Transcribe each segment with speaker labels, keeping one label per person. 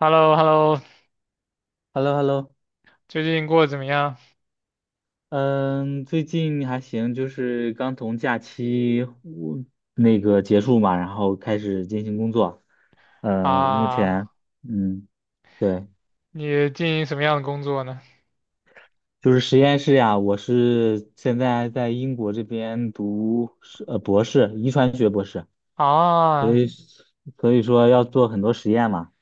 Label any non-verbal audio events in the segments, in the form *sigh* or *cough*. Speaker 1: Hello hello
Speaker 2: h e l l o h e l l o
Speaker 1: 最近过得怎么样
Speaker 2: 嗯，最近还行，就是刚从假期我那个结束嘛，然后开始进行工作。嗯，目
Speaker 1: 啊？
Speaker 2: 前，嗯，对，
Speaker 1: 你进行什么样的工作呢？
Speaker 2: 就是实验室呀，我是现在在英国这边读是博士，遗传学博士，所
Speaker 1: 啊，
Speaker 2: 以所以说要做很多实验嘛。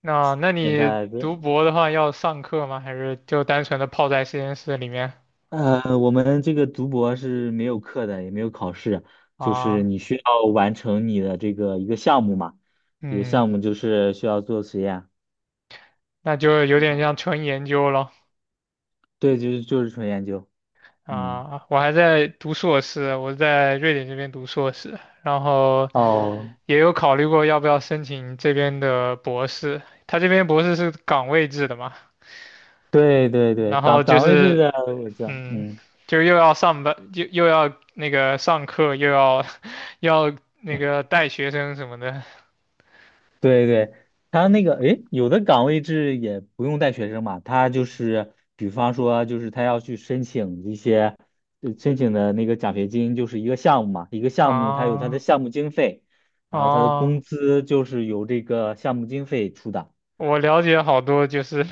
Speaker 1: 那
Speaker 2: 现
Speaker 1: 你
Speaker 2: 在
Speaker 1: 读博的话要上课吗？还是就单纯的泡在实验室里面？
Speaker 2: 我们这个读博是没有课的，也没有考试，就是
Speaker 1: 啊，
Speaker 2: 你需要完成你的这个一个项目嘛，一个
Speaker 1: 嗯，
Speaker 2: 项目就是需要做实验，
Speaker 1: 那就有点像纯研究咯。
Speaker 2: 对，就是纯研究，嗯，
Speaker 1: 啊，我还在读硕士，我在瑞典这边读硕士，然后
Speaker 2: 哦，
Speaker 1: 也有考虑过要不要申请这边的博士。他这边博士是岗位制的嘛，
Speaker 2: 对对对，
Speaker 1: 然后
Speaker 2: 岗
Speaker 1: 就
Speaker 2: 岗位制
Speaker 1: 是
Speaker 2: 的我知道，
Speaker 1: 嗯，
Speaker 2: 嗯。
Speaker 1: 又要上班，又要那个上课，又要 *laughs* 又要那个带学生什么的
Speaker 2: 对对，他那个，诶，有的岗位制也不用带学生嘛，他就是，比方说，就是他要去申请一些，申请的那个奖学金，就是一个项目嘛，一个项目，他有他的
Speaker 1: 啊
Speaker 2: 项目经费，然后他的
Speaker 1: 啊！
Speaker 2: 工资就是由这个项目经费出的
Speaker 1: 我了解好多，就是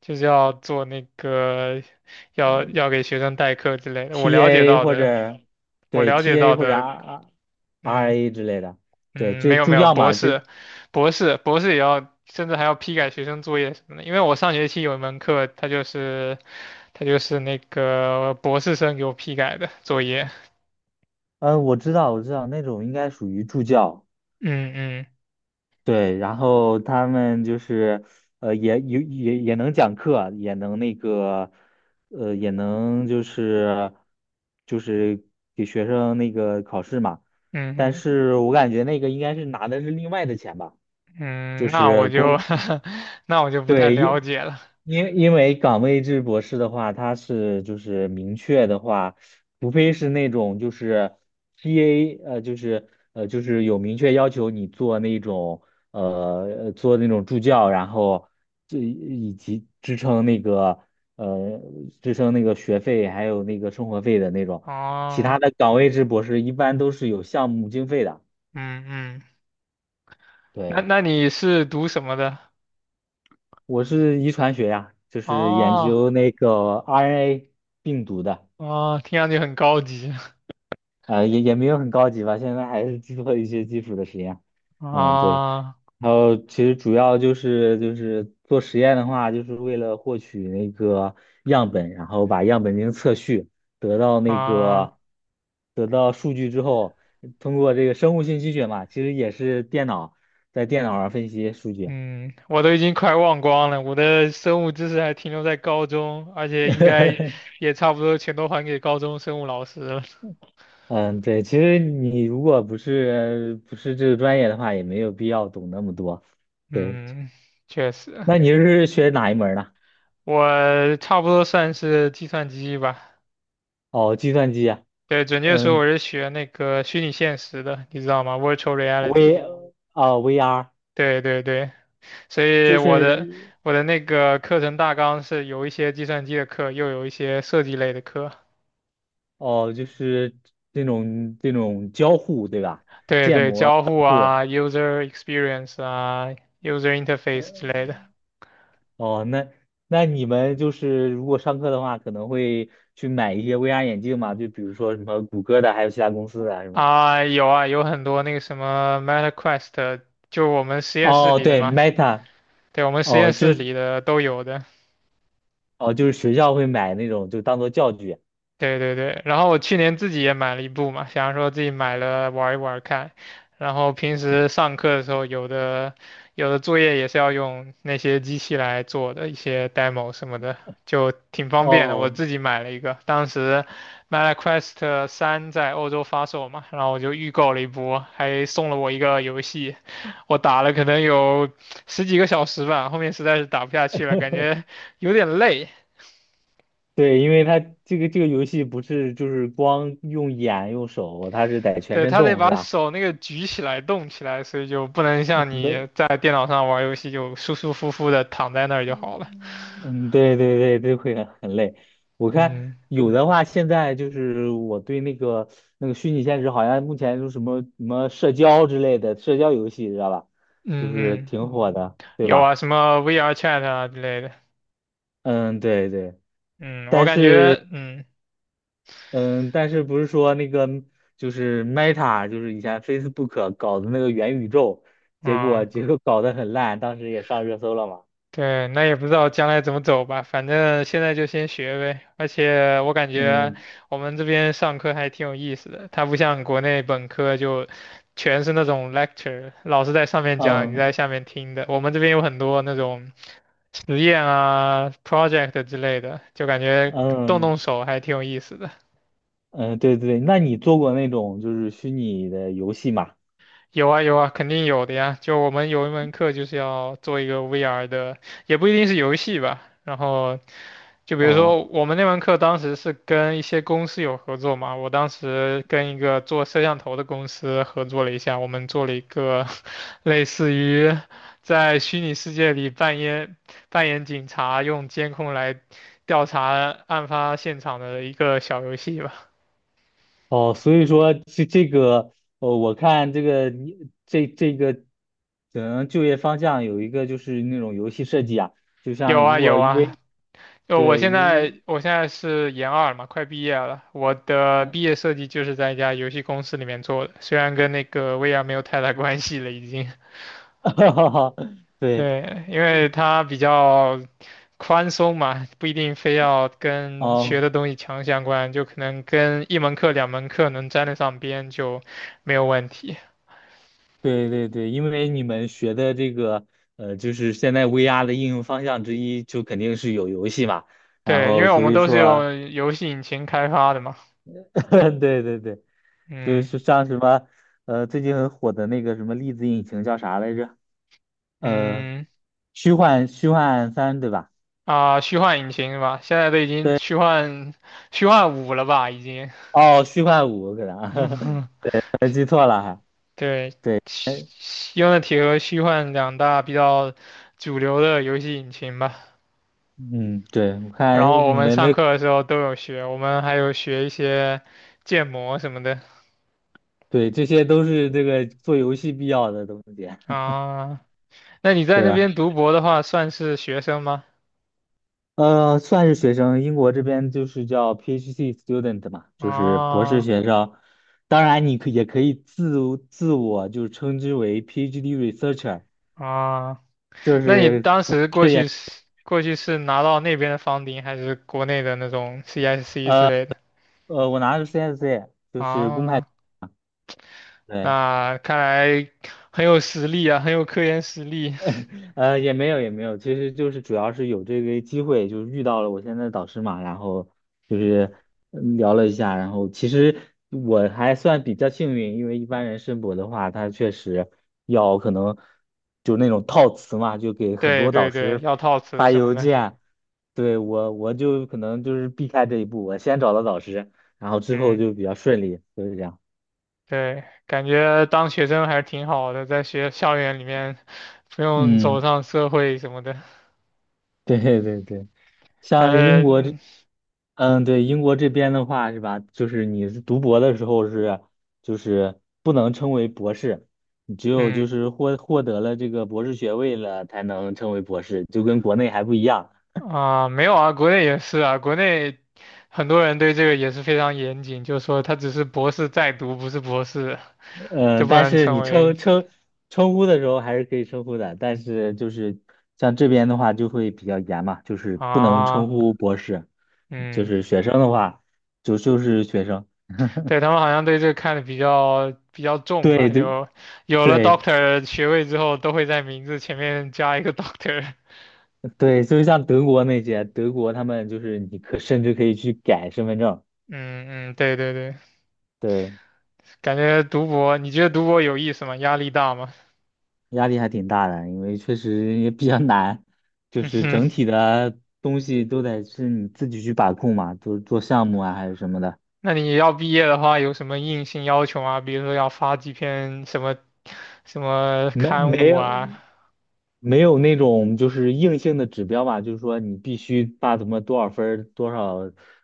Speaker 1: 就是要做那个要给学生代课之类的。我了解
Speaker 2: ，TA
Speaker 1: 到
Speaker 2: 或
Speaker 1: 的，
Speaker 2: 者
Speaker 1: 我
Speaker 2: 对
Speaker 1: 了解
Speaker 2: TA
Speaker 1: 到
Speaker 2: 或者
Speaker 1: 的，嗯
Speaker 2: RA 之类的，对，
Speaker 1: 嗯，没
Speaker 2: 这
Speaker 1: 有没
Speaker 2: 助
Speaker 1: 有，
Speaker 2: 教
Speaker 1: 博
Speaker 2: 嘛，
Speaker 1: 士，
Speaker 2: 这，
Speaker 1: 博士，博士也要，甚至还要批改学生作业什么的。因为我上学期有一门课，它就是那个博士生给我批改的作业。
Speaker 2: 嗯，我知道，我知道，那种应该属于助教。
Speaker 1: 嗯嗯
Speaker 2: 对，然后他们就是，也能讲课啊，也能那个，也能就是给学生那个考试嘛。但
Speaker 1: 嗯
Speaker 2: 是我感觉那个应该是拿的是另外的钱吧，就
Speaker 1: 嗯，那我
Speaker 2: 是
Speaker 1: 就
Speaker 2: 工
Speaker 1: *laughs* 那我就不太
Speaker 2: 对，
Speaker 1: 了
Speaker 2: 因
Speaker 1: 解了。
Speaker 2: 因因为岗位制博士的话，它是就是明确的话，除非是那种就是 P a 就是就是有明确要求你做那种呃做那种助教，然后这以及支撑那个呃支撑那个学费还有那个生活费的那种，其
Speaker 1: 哦，
Speaker 2: 他的岗位制博士一般都是有项目经费的，
Speaker 1: 嗯嗯，那
Speaker 2: 对。
Speaker 1: 那你是读什么的？
Speaker 2: 我是遗传学呀，就是研
Speaker 1: 哦
Speaker 2: 究那个 RNA 病毒的，
Speaker 1: 哦，听上去很高级。*laughs*
Speaker 2: 也没有很高级吧，现在还是做一些基础的实验。嗯，对。
Speaker 1: 啊
Speaker 2: 然后其实主要就是做实验的话，就是为了获取那个样本，然后把样本进行测序，得到那
Speaker 1: 啊，
Speaker 2: 个得到数据之后，通过这个生物信息学嘛，其实也是在电脑上分析数据。
Speaker 1: 嗯，我都已经快忘光了，我的生物知识还停留在高中，而且应该
Speaker 2: *laughs*
Speaker 1: 也差不多全都还给高中生物老师了。
Speaker 2: 嗯，对，其实你如果不是这个专业的话，也没有必要懂那么多。对，
Speaker 1: 嗯，确实，
Speaker 2: 那你是学哪一门儿呢？
Speaker 1: 我差不多算是计算机吧。
Speaker 2: 哦，计算机啊，
Speaker 1: 对，准确说
Speaker 2: 嗯
Speaker 1: 我是学那个虚拟现实的，你知道吗？Virtual Reality。
Speaker 2: ，V VR
Speaker 1: 对对对，所以
Speaker 2: 就
Speaker 1: 我的
Speaker 2: 是
Speaker 1: 我的那个课程大纲是有一些计算机的课，又有一些设计类的课。
Speaker 2: 哦，就是这种交互，对吧？
Speaker 1: 对对，交互啊，user experience 啊，user interface 之类的
Speaker 2: 哦，那你们就是如果上课的话，可能会去买一些 VR 眼镜嘛？就比如说什么谷歌的，还有其他公司的，是吧？
Speaker 1: 啊，有啊，有很多那个什么 MetaQuest，就我们实验室
Speaker 2: 哦，
Speaker 1: 里的
Speaker 2: 对
Speaker 1: 嘛，
Speaker 2: ，Meta，
Speaker 1: 对我们实
Speaker 2: 哦，
Speaker 1: 验室里的都有的。
Speaker 2: 就是学校会买那种，就当做教具。
Speaker 1: 对对对，然后我去年自己也买了一部嘛，想说自己买了玩一玩看，然后平时上课的时候，有的作业也是要用那些机器来做的，一些 demo 什么的，就挺方便的。我
Speaker 2: 哦，
Speaker 1: 自己买了一个，当时 MetaQuest 3在欧洲发售嘛，然后我就预购了一波，还送了我一个游戏，我打了可能有十几个小时吧，后面实在是打不下去了，感觉有点累。
Speaker 2: 对，因为它这个游戏不是就是光用眼用手，它是得全
Speaker 1: 对，
Speaker 2: 身
Speaker 1: 他得
Speaker 2: 动，是
Speaker 1: 把
Speaker 2: 吧？
Speaker 1: 手那个举起来、动起来，所以就不能像你
Speaker 2: 嗯，
Speaker 1: 在电脑上玩游戏就舒舒服服的躺在那儿就好了。
Speaker 2: 嗯，对对对，这会很累。我看
Speaker 1: 嗯
Speaker 2: 有的话，现在就是我对那个虚拟现实，好像目前就是什么什么社交之类的社交游戏，知道吧？就是
Speaker 1: 嗯嗯，
Speaker 2: 挺火的，对
Speaker 1: 有啊，
Speaker 2: 吧？
Speaker 1: 什么 VR Chat 啊之类的。
Speaker 2: 嗯，对对。
Speaker 1: 嗯，我感觉，嗯
Speaker 2: 嗯，但是不是说那个就是 Meta，就是以前 Facebook 搞的那个元宇宙，结果
Speaker 1: 嗯，
Speaker 2: 结果搞得很烂，当时也上热搜了嘛。
Speaker 1: 对，那也不知道将来怎么走吧，反正现在就先学呗。而且我感觉
Speaker 2: 嗯
Speaker 1: 我们这边上课还挺有意思的，它不像国内本科就全是那种 lecture，老师在上面讲，你在
Speaker 2: 嗯
Speaker 1: 下面听的。我们这边有很多那种。实验啊、project 之类的，就感觉动
Speaker 2: 嗯
Speaker 1: 动手还挺有意思的。
Speaker 2: 嗯，对对对，那你做过那种就是虚拟的游戏吗？
Speaker 1: 有啊有啊，肯定有的呀。就我们有一门课就是要做一个 VR 的，也不一定是游戏吧。然后就比如
Speaker 2: 哦
Speaker 1: 说我们那门课当时是跟一些公司有合作嘛，我当时跟一个做摄像头的公司合作了一下，我们做了一个 *laughs* 类似于在虚拟世界里扮演警察，用监控来调查案发现场的一个小游戏吧。
Speaker 2: 哦，所以说这个，哦，我看这个你这个可能就业方向有一个就是那种游戏设计啊，就
Speaker 1: 有
Speaker 2: 像如
Speaker 1: 啊
Speaker 2: 果
Speaker 1: 有啊，
Speaker 2: 为
Speaker 1: 就我
Speaker 2: 对
Speaker 1: 现在
Speaker 2: 如
Speaker 1: 我现在是研二了嘛，快毕业了。我的
Speaker 2: 嗯，
Speaker 1: 毕业设计就是在一家游戏公司里面做的，虽然跟那个 VR 没有太大关系了，已经。
Speaker 2: *laughs*
Speaker 1: *laughs*
Speaker 2: 对。
Speaker 1: 对，因为它比较宽松嘛，不一定非要跟学
Speaker 2: 哦，
Speaker 1: 的东西强相关，就可能跟一门课、两门课能沾得上边就没有问题。
Speaker 2: 对对对，因为你们学的这个，就是现在 VR 的应用方向之一，就肯定是有游戏嘛。然
Speaker 1: 对，因
Speaker 2: 后
Speaker 1: 为我
Speaker 2: 所
Speaker 1: 们
Speaker 2: 以
Speaker 1: 都是
Speaker 2: 说，
Speaker 1: 用游戏引擎开发的嘛。
Speaker 2: *laughs* 对对对，就
Speaker 1: 嗯
Speaker 2: 是像什么，最近很火的那个什么粒子引擎叫啥来着？呃，
Speaker 1: 嗯，
Speaker 2: 虚幻3对吧？
Speaker 1: 啊，虚幻引擎是吧？现在都已经
Speaker 2: 对，
Speaker 1: 虚幻五了吧？已经。
Speaker 2: 哦，虚幻5，可能 *laughs* 还记错了还。
Speaker 1: 对，
Speaker 2: 对，
Speaker 1: 用的 n i 和虚幻两大比较主流的游戏引擎吧。
Speaker 2: 嗯，对，我
Speaker 1: 然
Speaker 2: 看
Speaker 1: 后我
Speaker 2: 你
Speaker 1: 们
Speaker 2: 们
Speaker 1: 上
Speaker 2: 的，
Speaker 1: 课的时候都有学，我们还有学一些建模什么的
Speaker 2: 对，这些都是这个做游戏必要的东西。
Speaker 1: 啊。那你
Speaker 2: *laughs*
Speaker 1: 在
Speaker 2: 对
Speaker 1: 那
Speaker 2: 啊。
Speaker 1: 边读博的话，算是学生吗？
Speaker 2: 算是学生，英国这边就是叫 PhD student 嘛，就是博士
Speaker 1: 啊
Speaker 2: 学生。当然，你也可以自我就称之为 PhD researcher，
Speaker 1: 啊，
Speaker 2: 就
Speaker 1: 那你
Speaker 2: 是
Speaker 1: 当时过去是拿到那边的房顶，还是国内的那种 CSC 之
Speaker 2: 呃
Speaker 1: 类的？
Speaker 2: 我拿的是 CSC，就是公派。
Speaker 1: 啊
Speaker 2: 对
Speaker 1: 那看来很有实力啊，很有科研实力。*laughs*
Speaker 2: *laughs* 也没有，其实就是主要是有这个机会，就是遇到了我现在的导师嘛，然后就是聊了一下，然后其实我还算比较幸运，因为一般人申博的话，他确实要可能就那种套词嘛，就给很
Speaker 1: 对
Speaker 2: 多导
Speaker 1: 对对，
Speaker 2: 师
Speaker 1: 要套词
Speaker 2: 发
Speaker 1: 什么
Speaker 2: 邮
Speaker 1: 的，
Speaker 2: 件，对我就可能就是避开这一步，我先找到导师，然后之后
Speaker 1: 嗯，
Speaker 2: 就比较顺利，就是这样。
Speaker 1: 对，感觉当学生还是挺好的，在学校园里面不用走
Speaker 2: 嗯，
Speaker 1: 上社会什么的。
Speaker 2: 对对对。
Speaker 1: 但
Speaker 2: 像英
Speaker 1: 是，
Speaker 2: 国这，
Speaker 1: 嗯
Speaker 2: 嗯，对，英国这边的话是吧，就是你是读博的时候是，就是不能称为博士，你只有就
Speaker 1: 嗯
Speaker 2: 是获得了这个博士学位了才能称为博士，就跟国内还不一样。
Speaker 1: 啊、没有啊，国内也是啊，国内很多人对这个也是非常严谨，就说他只是博士在读，不是博士，就
Speaker 2: 嗯，
Speaker 1: 不
Speaker 2: 但
Speaker 1: 能
Speaker 2: 是
Speaker 1: 成
Speaker 2: 你
Speaker 1: 为
Speaker 2: 称呼的时候还是可以称呼的，但是就是像这边的话就会比较严嘛，就是不能称
Speaker 1: 啊，
Speaker 2: 呼博士，就
Speaker 1: 嗯。
Speaker 2: 是学生的话就是学生，
Speaker 1: 对，他们好像对这个看的比较重吧，
Speaker 2: 对对
Speaker 1: 就有了
Speaker 2: 对。
Speaker 1: Doctor 学位之后，都会在名字前面加一个 *laughs* Doctor。
Speaker 2: 对，就是像德国那些，德国他们就是你可甚至可以去改身份证，
Speaker 1: 嗯嗯，对对对，
Speaker 2: 对，
Speaker 1: 感觉读博，你觉得读博有意思吗？压力大吗？*laughs*
Speaker 2: 压力还挺大的，因为确实也比较难，就
Speaker 1: 嗯
Speaker 2: 是
Speaker 1: 哼，
Speaker 2: 整体的东西都得是你自己去把控嘛，就是做项目啊还是什么的，
Speaker 1: 那你要毕业的话，有什么硬性要求吗？比如说要发几篇什么什么
Speaker 2: 没
Speaker 1: 刊
Speaker 2: 没
Speaker 1: 物
Speaker 2: 有
Speaker 1: 啊？
Speaker 2: 没有那种就是硬性的指标吧，就是说你必须把怎么多少分儿多少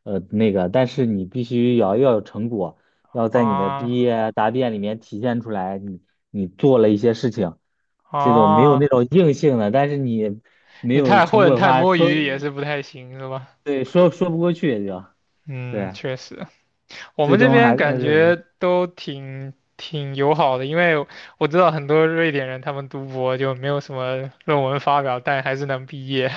Speaker 2: 那个，但是你必须要有成果，要在你的
Speaker 1: 啊
Speaker 2: 毕业啊答辩里面体现出来你做了一些事情，这种没有那
Speaker 1: 啊，
Speaker 2: 种硬性的，但是你没
Speaker 1: 你
Speaker 2: 有
Speaker 1: 太
Speaker 2: 成
Speaker 1: 混
Speaker 2: 果的
Speaker 1: 太
Speaker 2: 话，
Speaker 1: 摸鱼也是不太行，是吧？
Speaker 2: 对说不过去也就
Speaker 1: 嗯，
Speaker 2: 对，
Speaker 1: 确实。我
Speaker 2: 最
Speaker 1: 们这
Speaker 2: 终
Speaker 1: 边
Speaker 2: 还
Speaker 1: 感觉都挺友好的，因为我知道很多瑞典人他们读博就没有什么论文发表，但还是能毕业。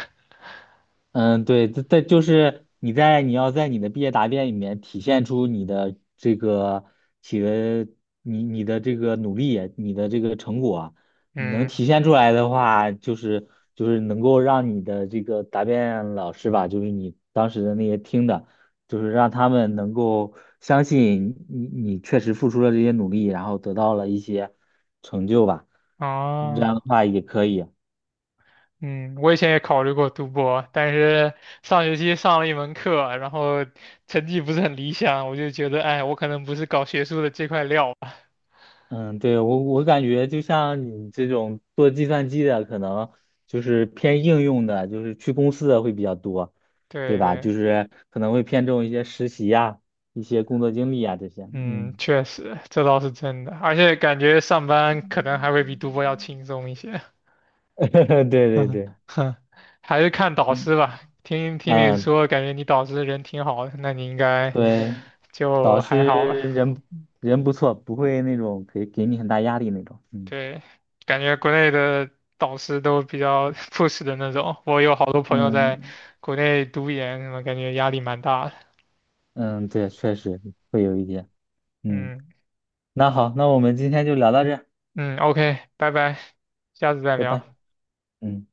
Speaker 2: 嗯，对，这就是你要在你的毕业答辩里面体现出你的这个企的你的这个努力，你的这个成果，你能
Speaker 1: 嗯，
Speaker 2: 体现出来的话，就是能够让你的这个答辩老师吧，就是你当时的那些听的，就是让他们能够相信你确实付出了这些努力，然后得到了一些成就吧，这
Speaker 1: 哦，
Speaker 2: 样的话也可以。
Speaker 1: 嗯，我以前也考虑过读博，但是上学期上了一门课，然后成绩不是很理想，我就觉得，哎，我可能不是搞学术的这块料吧。
Speaker 2: 嗯，对，我感觉就像你这种做计算机的，可能就是偏应用的，就是去公司的会比较多，对
Speaker 1: 对
Speaker 2: 吧？
Speaker 1: 对，
Speaker 2: 就是可能会偏重一些实习呀、一些工作经历啊这些。
Speaker 1: 嗯，
Speaker 2: 嗯，
Speaker 1: 确实，这倒是真的，而且感觉上班可能还会比读博要轻松一些。
Speaker 2: *laughs* 对
Speaker 1: *laughs*
Speaker 2: 对
Speaker 1: 嗯
Speaker 2: 对，
Speaker 1: 哼，还是看导师吧。听听你
Speaker 2: 嗯，
Speaker 1: 说，感觉你导师人挺好的，那你应该
Speaker 2: 对，导
Speaker 1: 就还
Speaker 2: 师
Speaker 1: 好吧。
Speaker 2: 人不错，不会那种给你很大压力那种。嗯
Speaker 1: 对，感觉国内的导师都比较 *laughs* p u 的那种。我有好多朋友在
Speaker 2: 嗯
Speaker 1: 国内读研，什么感觉压力蛮大的。
Speaker 2: 嗯，对，确实会有一点。嗯，
Speaker 1: 嗯
Speaker 2: 那好，那我们今天就聊到这儿，
Speaker 1: 嗯，OK，拜拜，下次再
Speaker 2: 拜拜。
Speaker 1: 聊。
Speaker 2: 嗯。